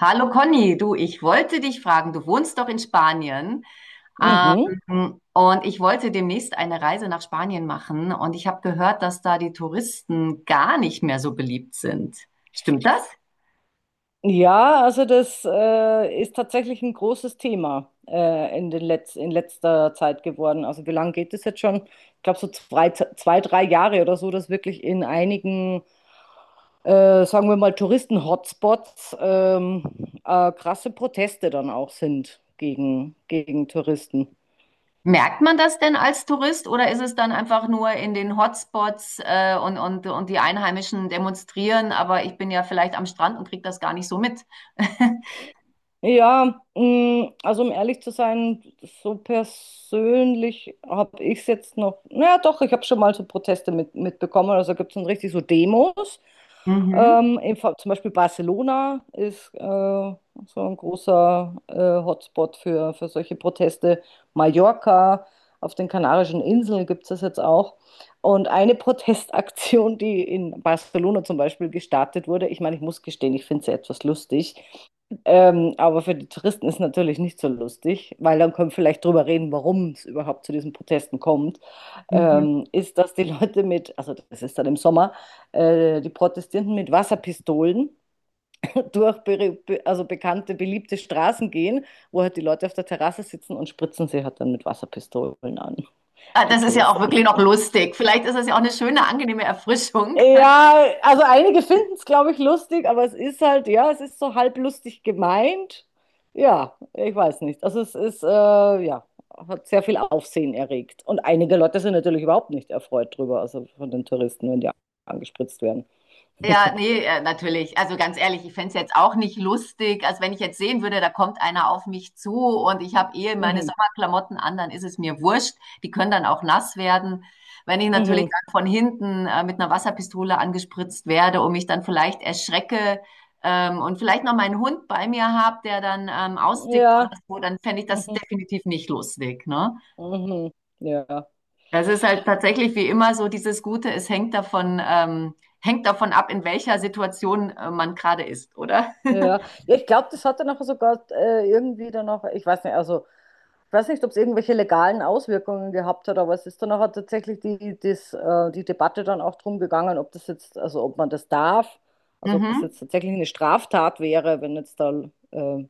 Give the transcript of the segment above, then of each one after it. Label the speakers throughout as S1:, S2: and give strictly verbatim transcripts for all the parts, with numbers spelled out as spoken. S1: Hallo Conny, du, ich wollte dich fragen, du wohnst doch in Spanien,
S2: Mhm.
S1: ähm, und ich wollte demnächst eine Reise nach Spanien machen und ich habe gehört, dass da die Touristen gar nicht mehr so beliebt sind. Stimmt das?
S2: Ja, also das äh, ist tatsächlich ein großes Thema äh, in den Letz in letzter Zeit geworden. Also wie lange geht es jetzt schon? Ich glaube so zwei, zwei, drei Jahre oder so, dass wirklich in einigen, äh, sagen wir mal, Touristen-Hotspots ähm, äh, krasse Proteste dann auch sind gegen, gegen Touristen.
S1: Merkt man das denn als Tourist oder ist es dann einfach nur in den Hotspots, äh, und, und, und die Einheimischen demonstrieren, aber ich bin ja vielleicht am Strand und kriege das gar nicht so mit?
S2: Ja, mh, also um ehrlich zu sein, so persönlich habe ich es jetzt noch, naja doch, ich habe schon mal so Proteste mit, mitbekommen, also gibt es dann richtig so Demos.
S1: Mhm,
S2: Ähm, in, Fa- zum Beispiel Barcelona ist äh, so ein großer äh, Hotspot für, für solche Proteste. Mallorca, auf den Kanarischen Inseln gibt es das jetzt auch. Und eine Protestaktion, die in Barcelona zum Beispiel gestartet wurde, ich meine, ich muss gestehen, ich finde sie etwas lustig. Ähm, aber für die Touristen ist natürlich nicht so lustig, weil dann können wir vielleicht drüber reden, warum es überhaupt zu diesen Protesten kommt.
S1: mhm.
S2: Ähm, ist, dass die Leute mit, also das ist dann im Sommer, äh, die Protestierenden mit Wasserpistolen durch be be- also bekannte, beliebte Straßen gehen, wo halt die Leute auf der Terrasse sitzen und spritzen sie halt dann mit Wasserpistolen an,
S1: Ah,
S2: die
S1: das ist ja auch
S2: Touristen.
S1: wirklich noch lustig. Vielleicht ist es ja auch eine schöne, angenehme Erfrischung.
S2: Ja, also einige finden es, glaube ich, lustig, aber es ist halt, ja, es ist so halb lustig gemeint. Ja, ich weiß nicht. Also es ist, äh, ja, hat sehr viel Aufsehen erregt. Und einige Leute sind natürlich überhaupt nicht erfreut drüber, also von den Touristen, wenn die angespritzt werden.
S1: Ja, nee, äh, natürlich. Also ganz ehrlich, ich fänd's jetzt auch nicht lustig. Also wenn ich jetzt sehen würde, da kommt einer auf mich zu und ich habe eh meine
S2: Mhm,
S1: Sommerklamotten an, dann ist es mir wurscht. Die können dann auch nass werden. Wenn ich natürlich
S2: mhm.
S1: dann von hinten äh, mit einer Wasserpistole angespritzt werde und mich dann vielleicht erschrecke ähm, und vielleicht noch meinen Hund bei mir habe, der dann ähm, austickt oder
S2: Ja,
S1: so, dann fänd ich das
S2: mhm,
S1: definitiv nicht lustig, ne?
S2: mhm, mhm. Ja.
S1: Das ist halt tatsächlich wie immer so dieses Gute, es hängt davon, ähm, hängt davon ab, in welcher Situation äh, man gerade ist, oder?
S2: Ja, ja, ja. ich glaube, das hat dann auch sogar äh, irgendwie dann auch, ich weiß nicht, also ich weiß nicht, ob es irgendwelche legalen Auswirkungen gehabt hat, aber es ist dann auch tatsächlich die, das, äh, die Debatte dann auch drum gegangen, ob das jetzt, also ob man das darf, also ob das
S1: Mhm.
S2: jetzt tatsächlich eine Straftat wäre, wenn jetzt da äh,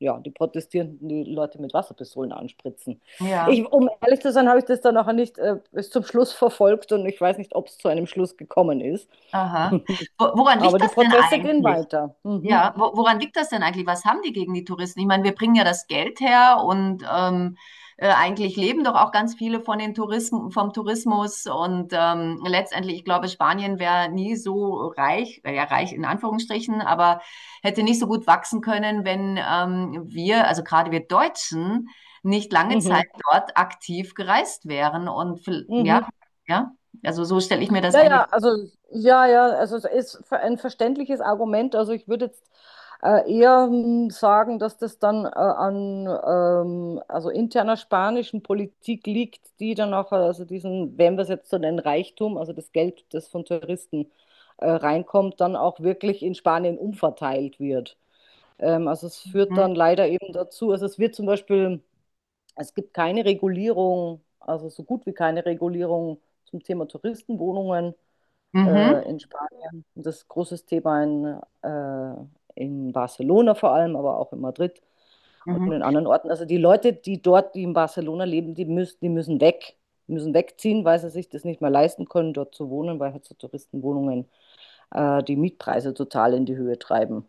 S2: ja, die Protestierenden die Leute mit Wasserpistolen anspritzen.
S1: Ja,
S2: Ich, um ehrlich zu sein, habe ich das dann auch nicht äh, bis zum Schluss verfolgt und ich weiß nicht, ob es zu einem Schluss gekommen ist.
S1: aha. Wo, woran
S2: Aber
S1: liegt
S2: die
S1: das denn
S2: Proteste gehen
S1: eigentlich?
S2: weiter. Mhm.
S1: Ja, wo, woran liegt das denn eigentlich? Was haben die gegen die Touristen? Ich meine, wir bringen ja das Geld her und ähm, äh, eigentlich leben doch auch ganz viele von den Touristen, vom Tourismus. Und ähm, letztendlich, ich glaube, Spanien wäre nie so reich, äh, ja, reich in Anführungsstrichen, aber hätte nicht so gut wachsen können, wenn ähm, wir, also gerade wir Deutschen, nicht lange Zeit
S2: Mhm.
S1: dort aktiv gereist wären. Und vi- ja,
S2: Mhm.
S1: ja, also so stelle ich mir das
S2: Ja,
S1: eigentlich.
S2: ja, also ja, ja, also es ist ver- ein verständliches Argument. Also ich würde jetzt äh, eher hm, sagen, dass das dann äh, an ähm, also interner spanischen Politik liegt, die dann auch, äh, also diesen, wenn wir es jetzt so nennen, Reichtum, also das Geld, das von Touristen äh, reinkommt, dann auch wirklich in Spanien umverteilt wird. Ähm, also es führt
S1: Mhm.
S2: dann leider eben dazu, also es wird zum Beispiel es gibt keine Regulierung, also so gut wie keine Regulierung zum Thema Touristenwohnungen
S1: Mhm.
S2: äh, in Spanien. Das ist ein großes Thema in, äh, in Barcelona vor allem, aber auch in Madrid und
S1: Mhm.
S2: in anderen Orten. Also die Leute, die dort, die in Barcelona leben, die müssen, die müssen weg, müssen wegziehen, weil sie sich das nicht mehr leisten können, dort zu wohnen, weil halt so Touristenwohnungen äh, die Mietpreise total in die Höhe treiben.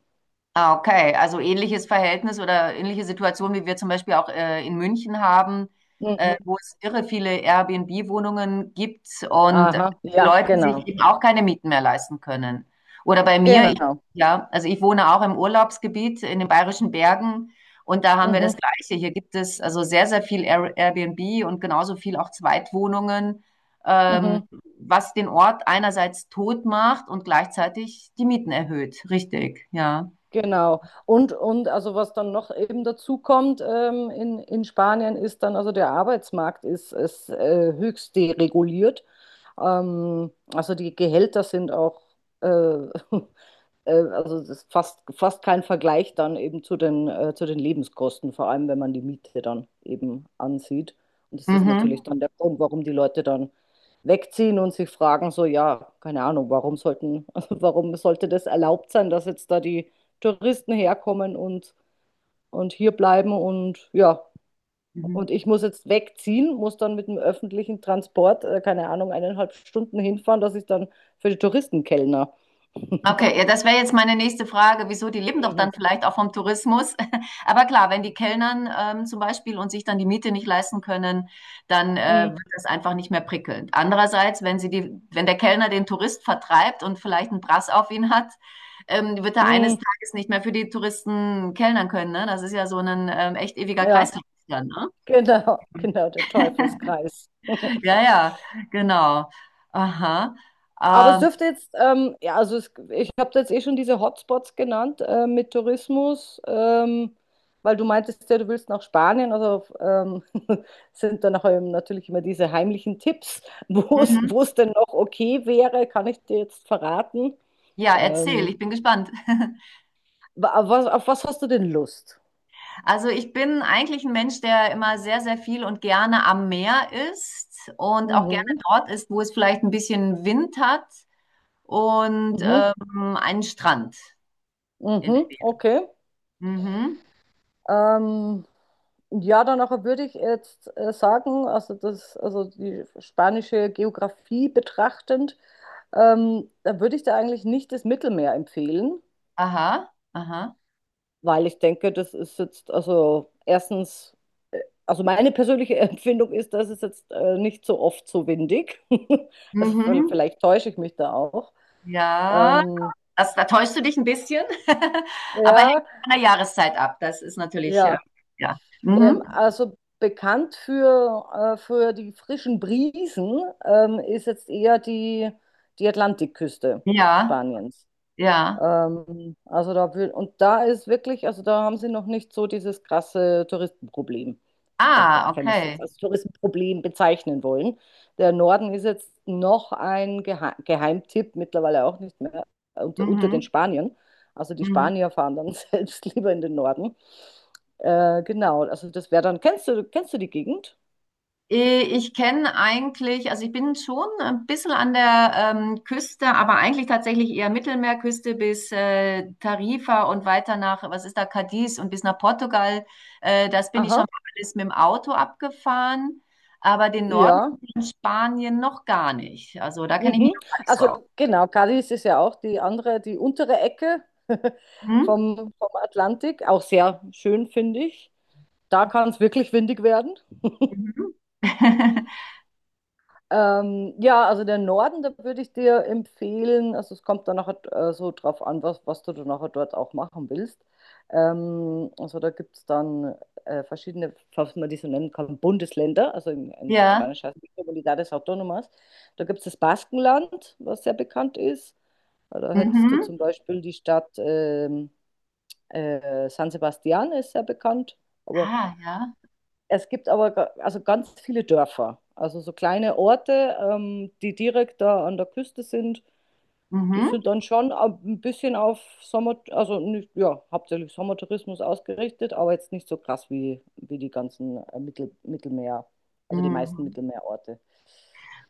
S1: Ah, okay. Also ähnliches Verhältnis oder ähnliche Situation, wie wir zum Beispiel auch äh, in München haben, äh,
S2: Mhm.
S1: wo es irre viele Airbnb-Wohnungen gibt und
S2: Aha,
S1: die
S2: ja,
S1: Leute sich
S2: genau,
S1: eben auch keine Mieten mehr leisten können. Oder bei mir, ich,
S2: genau.
S1: ja, also ich wohne auch im Urlaubsgebiet in den Bayerischen Bergen und da haben wir das
S2: Mhm.
S1: Gleiche. Hier gibt es also sehr, sehr viel Air Airbnb und genauso viel auch Zweitwohnungen, ähm,
S2: Mhm.
S1: was den Ort einerseits tot macht und gleichzeitig die Mieten erhöht. Richtig, ja.
S2: Genau. Und, und also was dann noch eben dazu kommt ähm, in, in Spanien ist dann, also der Arbeitsmarkt ist, ist äh, höchst dereguliert. Ähm, also die Gehälter sind auch äh, Äh, also es ist fast, fast kein Vergleich dann eben zu den, äh, zu den Lebenskosten, vor allem wenn man die Miete dann eben ansieht. Und das ist natürlich
S1: Mhm.
S2: dann der Grund, warum die Leute dann wegziehen und sich fragen, so, ja, keine Ahnung, warum sollten, warum sollte das erlaubt sein, dass jetzt da die Touristen herkommen und, und hier bleiben und ja,
S1: Mhm.
S2: und ich muss jetzt wegziehen, muss dann mit dem öffentlichen Transport, äh, keine Ahnung, eineinhalb Stunden hinfahren, dass ich dann für die Touristen kellner.
S1: Okay, ja, das wäre jetzt meine nächste Frage. Wieso? Die leben doch dann vielleicht auch vom Tourismus. Aber klar, wenn die Kellnern ähm, zum Beispiel und sich dann die Miete nicht leisten können, dann äh,
S2: Mhm.
S1: wird das einfach nicht mehr prickelnd. Andererseits, wenn sie die, wenn der Kellner den Tourist vertreibt und vielleicht einen Brass auf ihn hat, ähm, wird er eines
S2: Hm,
S1: Tages nicht mehr für die Touristen kellnern können. Ne? Das ist ja so ein ähm, echt ewiger
S2: ja,
S1: Kreislauf dann, ne?
S2: genau, genau, der Teufelskreis.
S1: Ja, ja, genau. Aha.
S2: Aber es
S1: Ähm,
S2: dürfte jetzt, ähm, ja, also es, ich habe jetzt eh schon diese Hotspots genannt äh, mit Tourismus, ähm, weil du meintest ja, du willst nach Spanien, also ähm, sind dann auch ähm, natürlich immer diese heimlichen Tipps, wo es,
S1: mhm.
S2: wo es denn noch okay wäre, kann ich dir jetzt verraten.
S1: Ja, erzähl,
S2: Ähm,
S1: ich bin gespannt.
S2: wa- auf was, auf was hast du denn Lust?
S1: Also ich bin eigentlich ein Mensch, der immer sehr, sehr viel und gerne am Meer ist und auch gerne
S2: Mhm,
S1: dort ist, wo es vielleicht ein bisschen Wind hat und
S2: mhm,
S1: ähm, einen Strand in der
S2: mhm,
S1: Nähe.
S2: okay.
S1: Mhm.
S2: Ähm, ja, dann auch würde ich jetzt äh, sagen, also das, also die spanische Geografie betrachtend, ähm, da würde ich da eigentlich nicht das Mittelmeer empfehlen,
S1: Aha, aha.
S2: weil ich denke, das ist jetzt, also erstens, also meine persönliche Empfindung ist, dass es jetzt äh, nicht so oft so windig. Also
S1: Mhm.
S2: vielleicht täusche ich mich da auch.
S1: Ja,
S2: Ähm,
S1: das, da täuschst du dich ein bisschen, aber hängt
S2: ja,
S1: von der Jahreszeit ab. Das ist natürlich, äh,
S2: ja.
S1: ja.
S2: Ähm,
S1: Mhm.
S2: also bekannt für, äh, für die frischen Brisen ähm, ist jetzt eher die, die Atlantikküste
S1: Ja,
S2: Spaniens.
S1: ja.
S2: Ähm, also da will, und da ist wirklich, also da haben sie noch nicht so dieses krasse Touristenproblem. Also
S1: Ah,
S2: wenn wir es jetzt
S1: okay.
S2: als Touristenproblem bezeichnen wollen. Der Norden ist jetzt noch ein Gehe Geheimtipp, mittlerweile auch nicht mehr, unter, unter den
S1: Mhm.
S2: Spaniern. Also die
S1: Mhm.
S2: Spanier fahren dann selbst lieber in den Norden. Äh, genau, also das wäre dann, kennst du, kennst du die Gegend?
S1: Äh, Ich kenne eigentlich, also ich bin schon ein bisschen an der ähm, Küste, aber eigentlich tatsächlich eher Mittelmeerküste bis äh, Tarifa und weiter nach, was ist da, Cadiz und bis nach Portugal. Äh, das bin ich schon
S2: Aha,
S1: mal alles mit dem Auto abgefahren, aber den Norden
S2: ja.
S1: in Spanien noch gar nicht. Also da kenne ich mich
S2: Mhm.
S1: noch gar nicht so aus.
S2: Also genau, Cadiz ist ja auch die andere, die untere Ecke
S1: Hm?
S2: vom, vom Atlantik, auch sehr schön, finde ich. Da kann es wirklich windig werden.
S1: Mhm.
S2: Ähm, ja, also der Norden, da würde ich dir empfehlen, also es kommt dann nachher äh, so drauf an, was, was du dann nachher dort auch machen willst. Ähm, also da gibt es dann äh, verschiedene, falls man die so nennen kann, Bundesländer, also in, in, auf
S1: Ja.
S2: Spanisch heißt es Comunidades Autónomas. Da gibt es das Baskenland, was sehr bekannt ist. Da hättest du
S1: Mhm.
S2: zum Beispiel die Stadt ähm, äh, San Sebastian, ist sehr bekannt. Aber
S1: Ah, ja.
S2: es gibt aber ga- also ganz viele Dörfer, also so kleine Orte, ähm, die direkt da an der Küste sind. Die
S1: Mhm.
S2: sind dann schon ab- ein bisschen auf Sommer, also nicht, ja, hauptsächlich Sommertourismus ausgerichtet, aber jetzt nicht so krass wie, wie die ganzen äh, Mittel, Mittelmeer, also die meisten
S1: Mhm.
S2: Mittelmeerorte.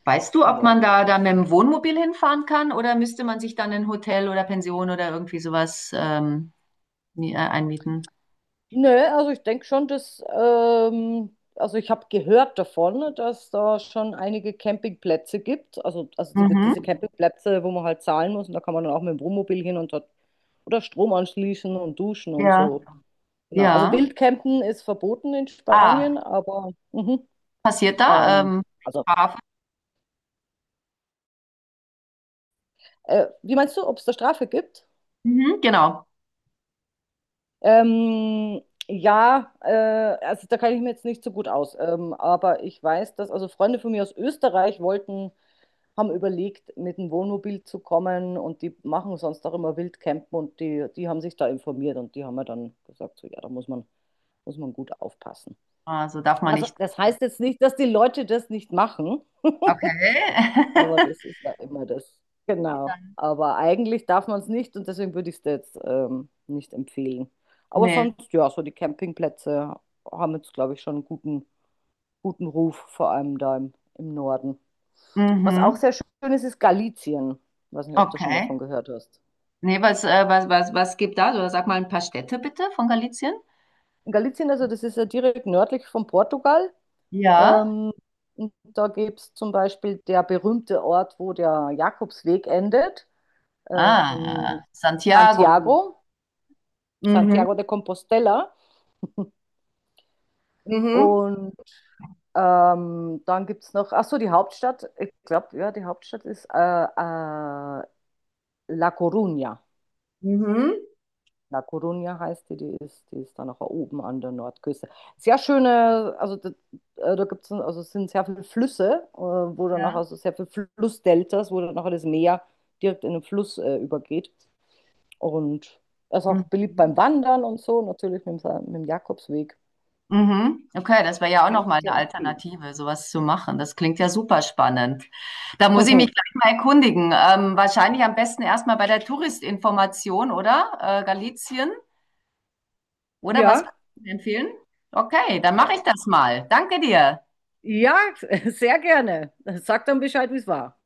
S1: Weißt du, ob
S2: Ja.
S1: man da da mit dem Wohnmobil hinfahren kann oder müsste man sich dann ein Hotel oder Pension oder irgendwie sowas ähm, mi- äh, einmieten?
S2: Nö, also ich denke schon, dass, ähm, also ich habe gehört davon, dass da schon einige Campingplätze gibt. Also, also die,
S1: Mhm.
S2: diese Campingplätze, wo man halt zahlen muss und da kann man dann auch mit dem Wohnmobil hin und dort oder Strom anschließen und duschen und
S1: Ja.
S2: so. Genau. Also
S1: Ja.
S2: Wildcampen ist verboten in Spanien,
S1: Ah,
S2: aber mhm.
S1: passiert da?
S2: Ähm,
S1: Ähm,
S2: also,
S1: Strafe?
S2: äh, wie meinst du, ob es da Strafe gibt?
S1: Mhm, genau.
S2: Ähm, ja, äh, also da kann ich mir jetzt nicht so gut aus. Ähm, aber ich weiß, dass also Freunde von mir aus Österreich wollten haben überlegt, mit dem Wohnmobil zu kommen und die machen sonst auch immer Wildcampen und die, die haben sich da informiert und die haben mir dann gesagt, so ja, da muss man, muss man gut aufpassen.
S1: Also darf man
S2: Also
S1: nicht.
S2: das heißt jetzt nicht, dass die Leute das nicht machen, aber
S1: Okay.
S2: das ist da immer das. Genau. Aber eigentlich darf man es nicht und deswegen würde ich es jetzt ähm, nicht empfehlen. Aber
S1: Nee.
S2: sonst, ja, so die Campingplätze haben jetzt, glaube ich, schon einen guten, guten Ruf, vor allem da im, im Norden. Was auch
S1: Mhm.
S2: sehr schön ist, ist Galicien. Ich weiß nicht, ob du schon
S1: Okay.
S2: davon gehört hast.
S1: Nee, was, äh, was, was, was gibt da so? Sag mal ein paar Städte bitte von Galicien.
S2: In Galicien, also das ist ja direkt nördlich von Portugal.
S1: Ja.
S2: Ähm, und da gibt es zum Beispiel der berühmte Ort, wo der Jakobsweg endet,
S1: Ah,
S2: ähm,
S1: Santiago.
S2: Santiago,
S1: Mhm.
S2: Santiago de Compostela.
S1: Mhm.
S2: Und ähm, dann gibt es noch, ach so, die Hauptstadt, ich glaube, ja, die Hauptstadt ist äh, äh, La Coruña.
S1: Mhm.
S2: La Coruña heißt die, die ist, die ist dann auch oben an der Nordküste. Sehr schöne, also da, äh, da gibt's, ein- also es sind sehr viele Flüsse, äh, wo dann auch,
S1: Ja.
S2: also sehr viele Flussdeltas, wo dann nachher das Meer direkt in den Fluss äh, übergeht. Und er ist auch beliebt beim
S1: Mhm.
S2: Wandern und so, natürlich mit, dem Sa- mit dem Jakobsweg.
S1: Mhm. Okay, das wäre ja auch
S2: Kann ich
S1: nochmal eine
S2: dir empfehlen.
S1: Alternative, sowas zu machen. Das klingt ja super spannend. Da muss ich mich gleich mal erkundigen. Ähm, wahrscheinlich am besten erstmal bei der Touristinformation, oder? Äh, Galizien, oder was würdest
S2: Ja,
S1: du mir empfehlen? Okay, dann
S2: äh,
S1: mache ich das mal. Danke dir.
S2: ja, sehr gerne. Sag dann Bescheid, wie es war.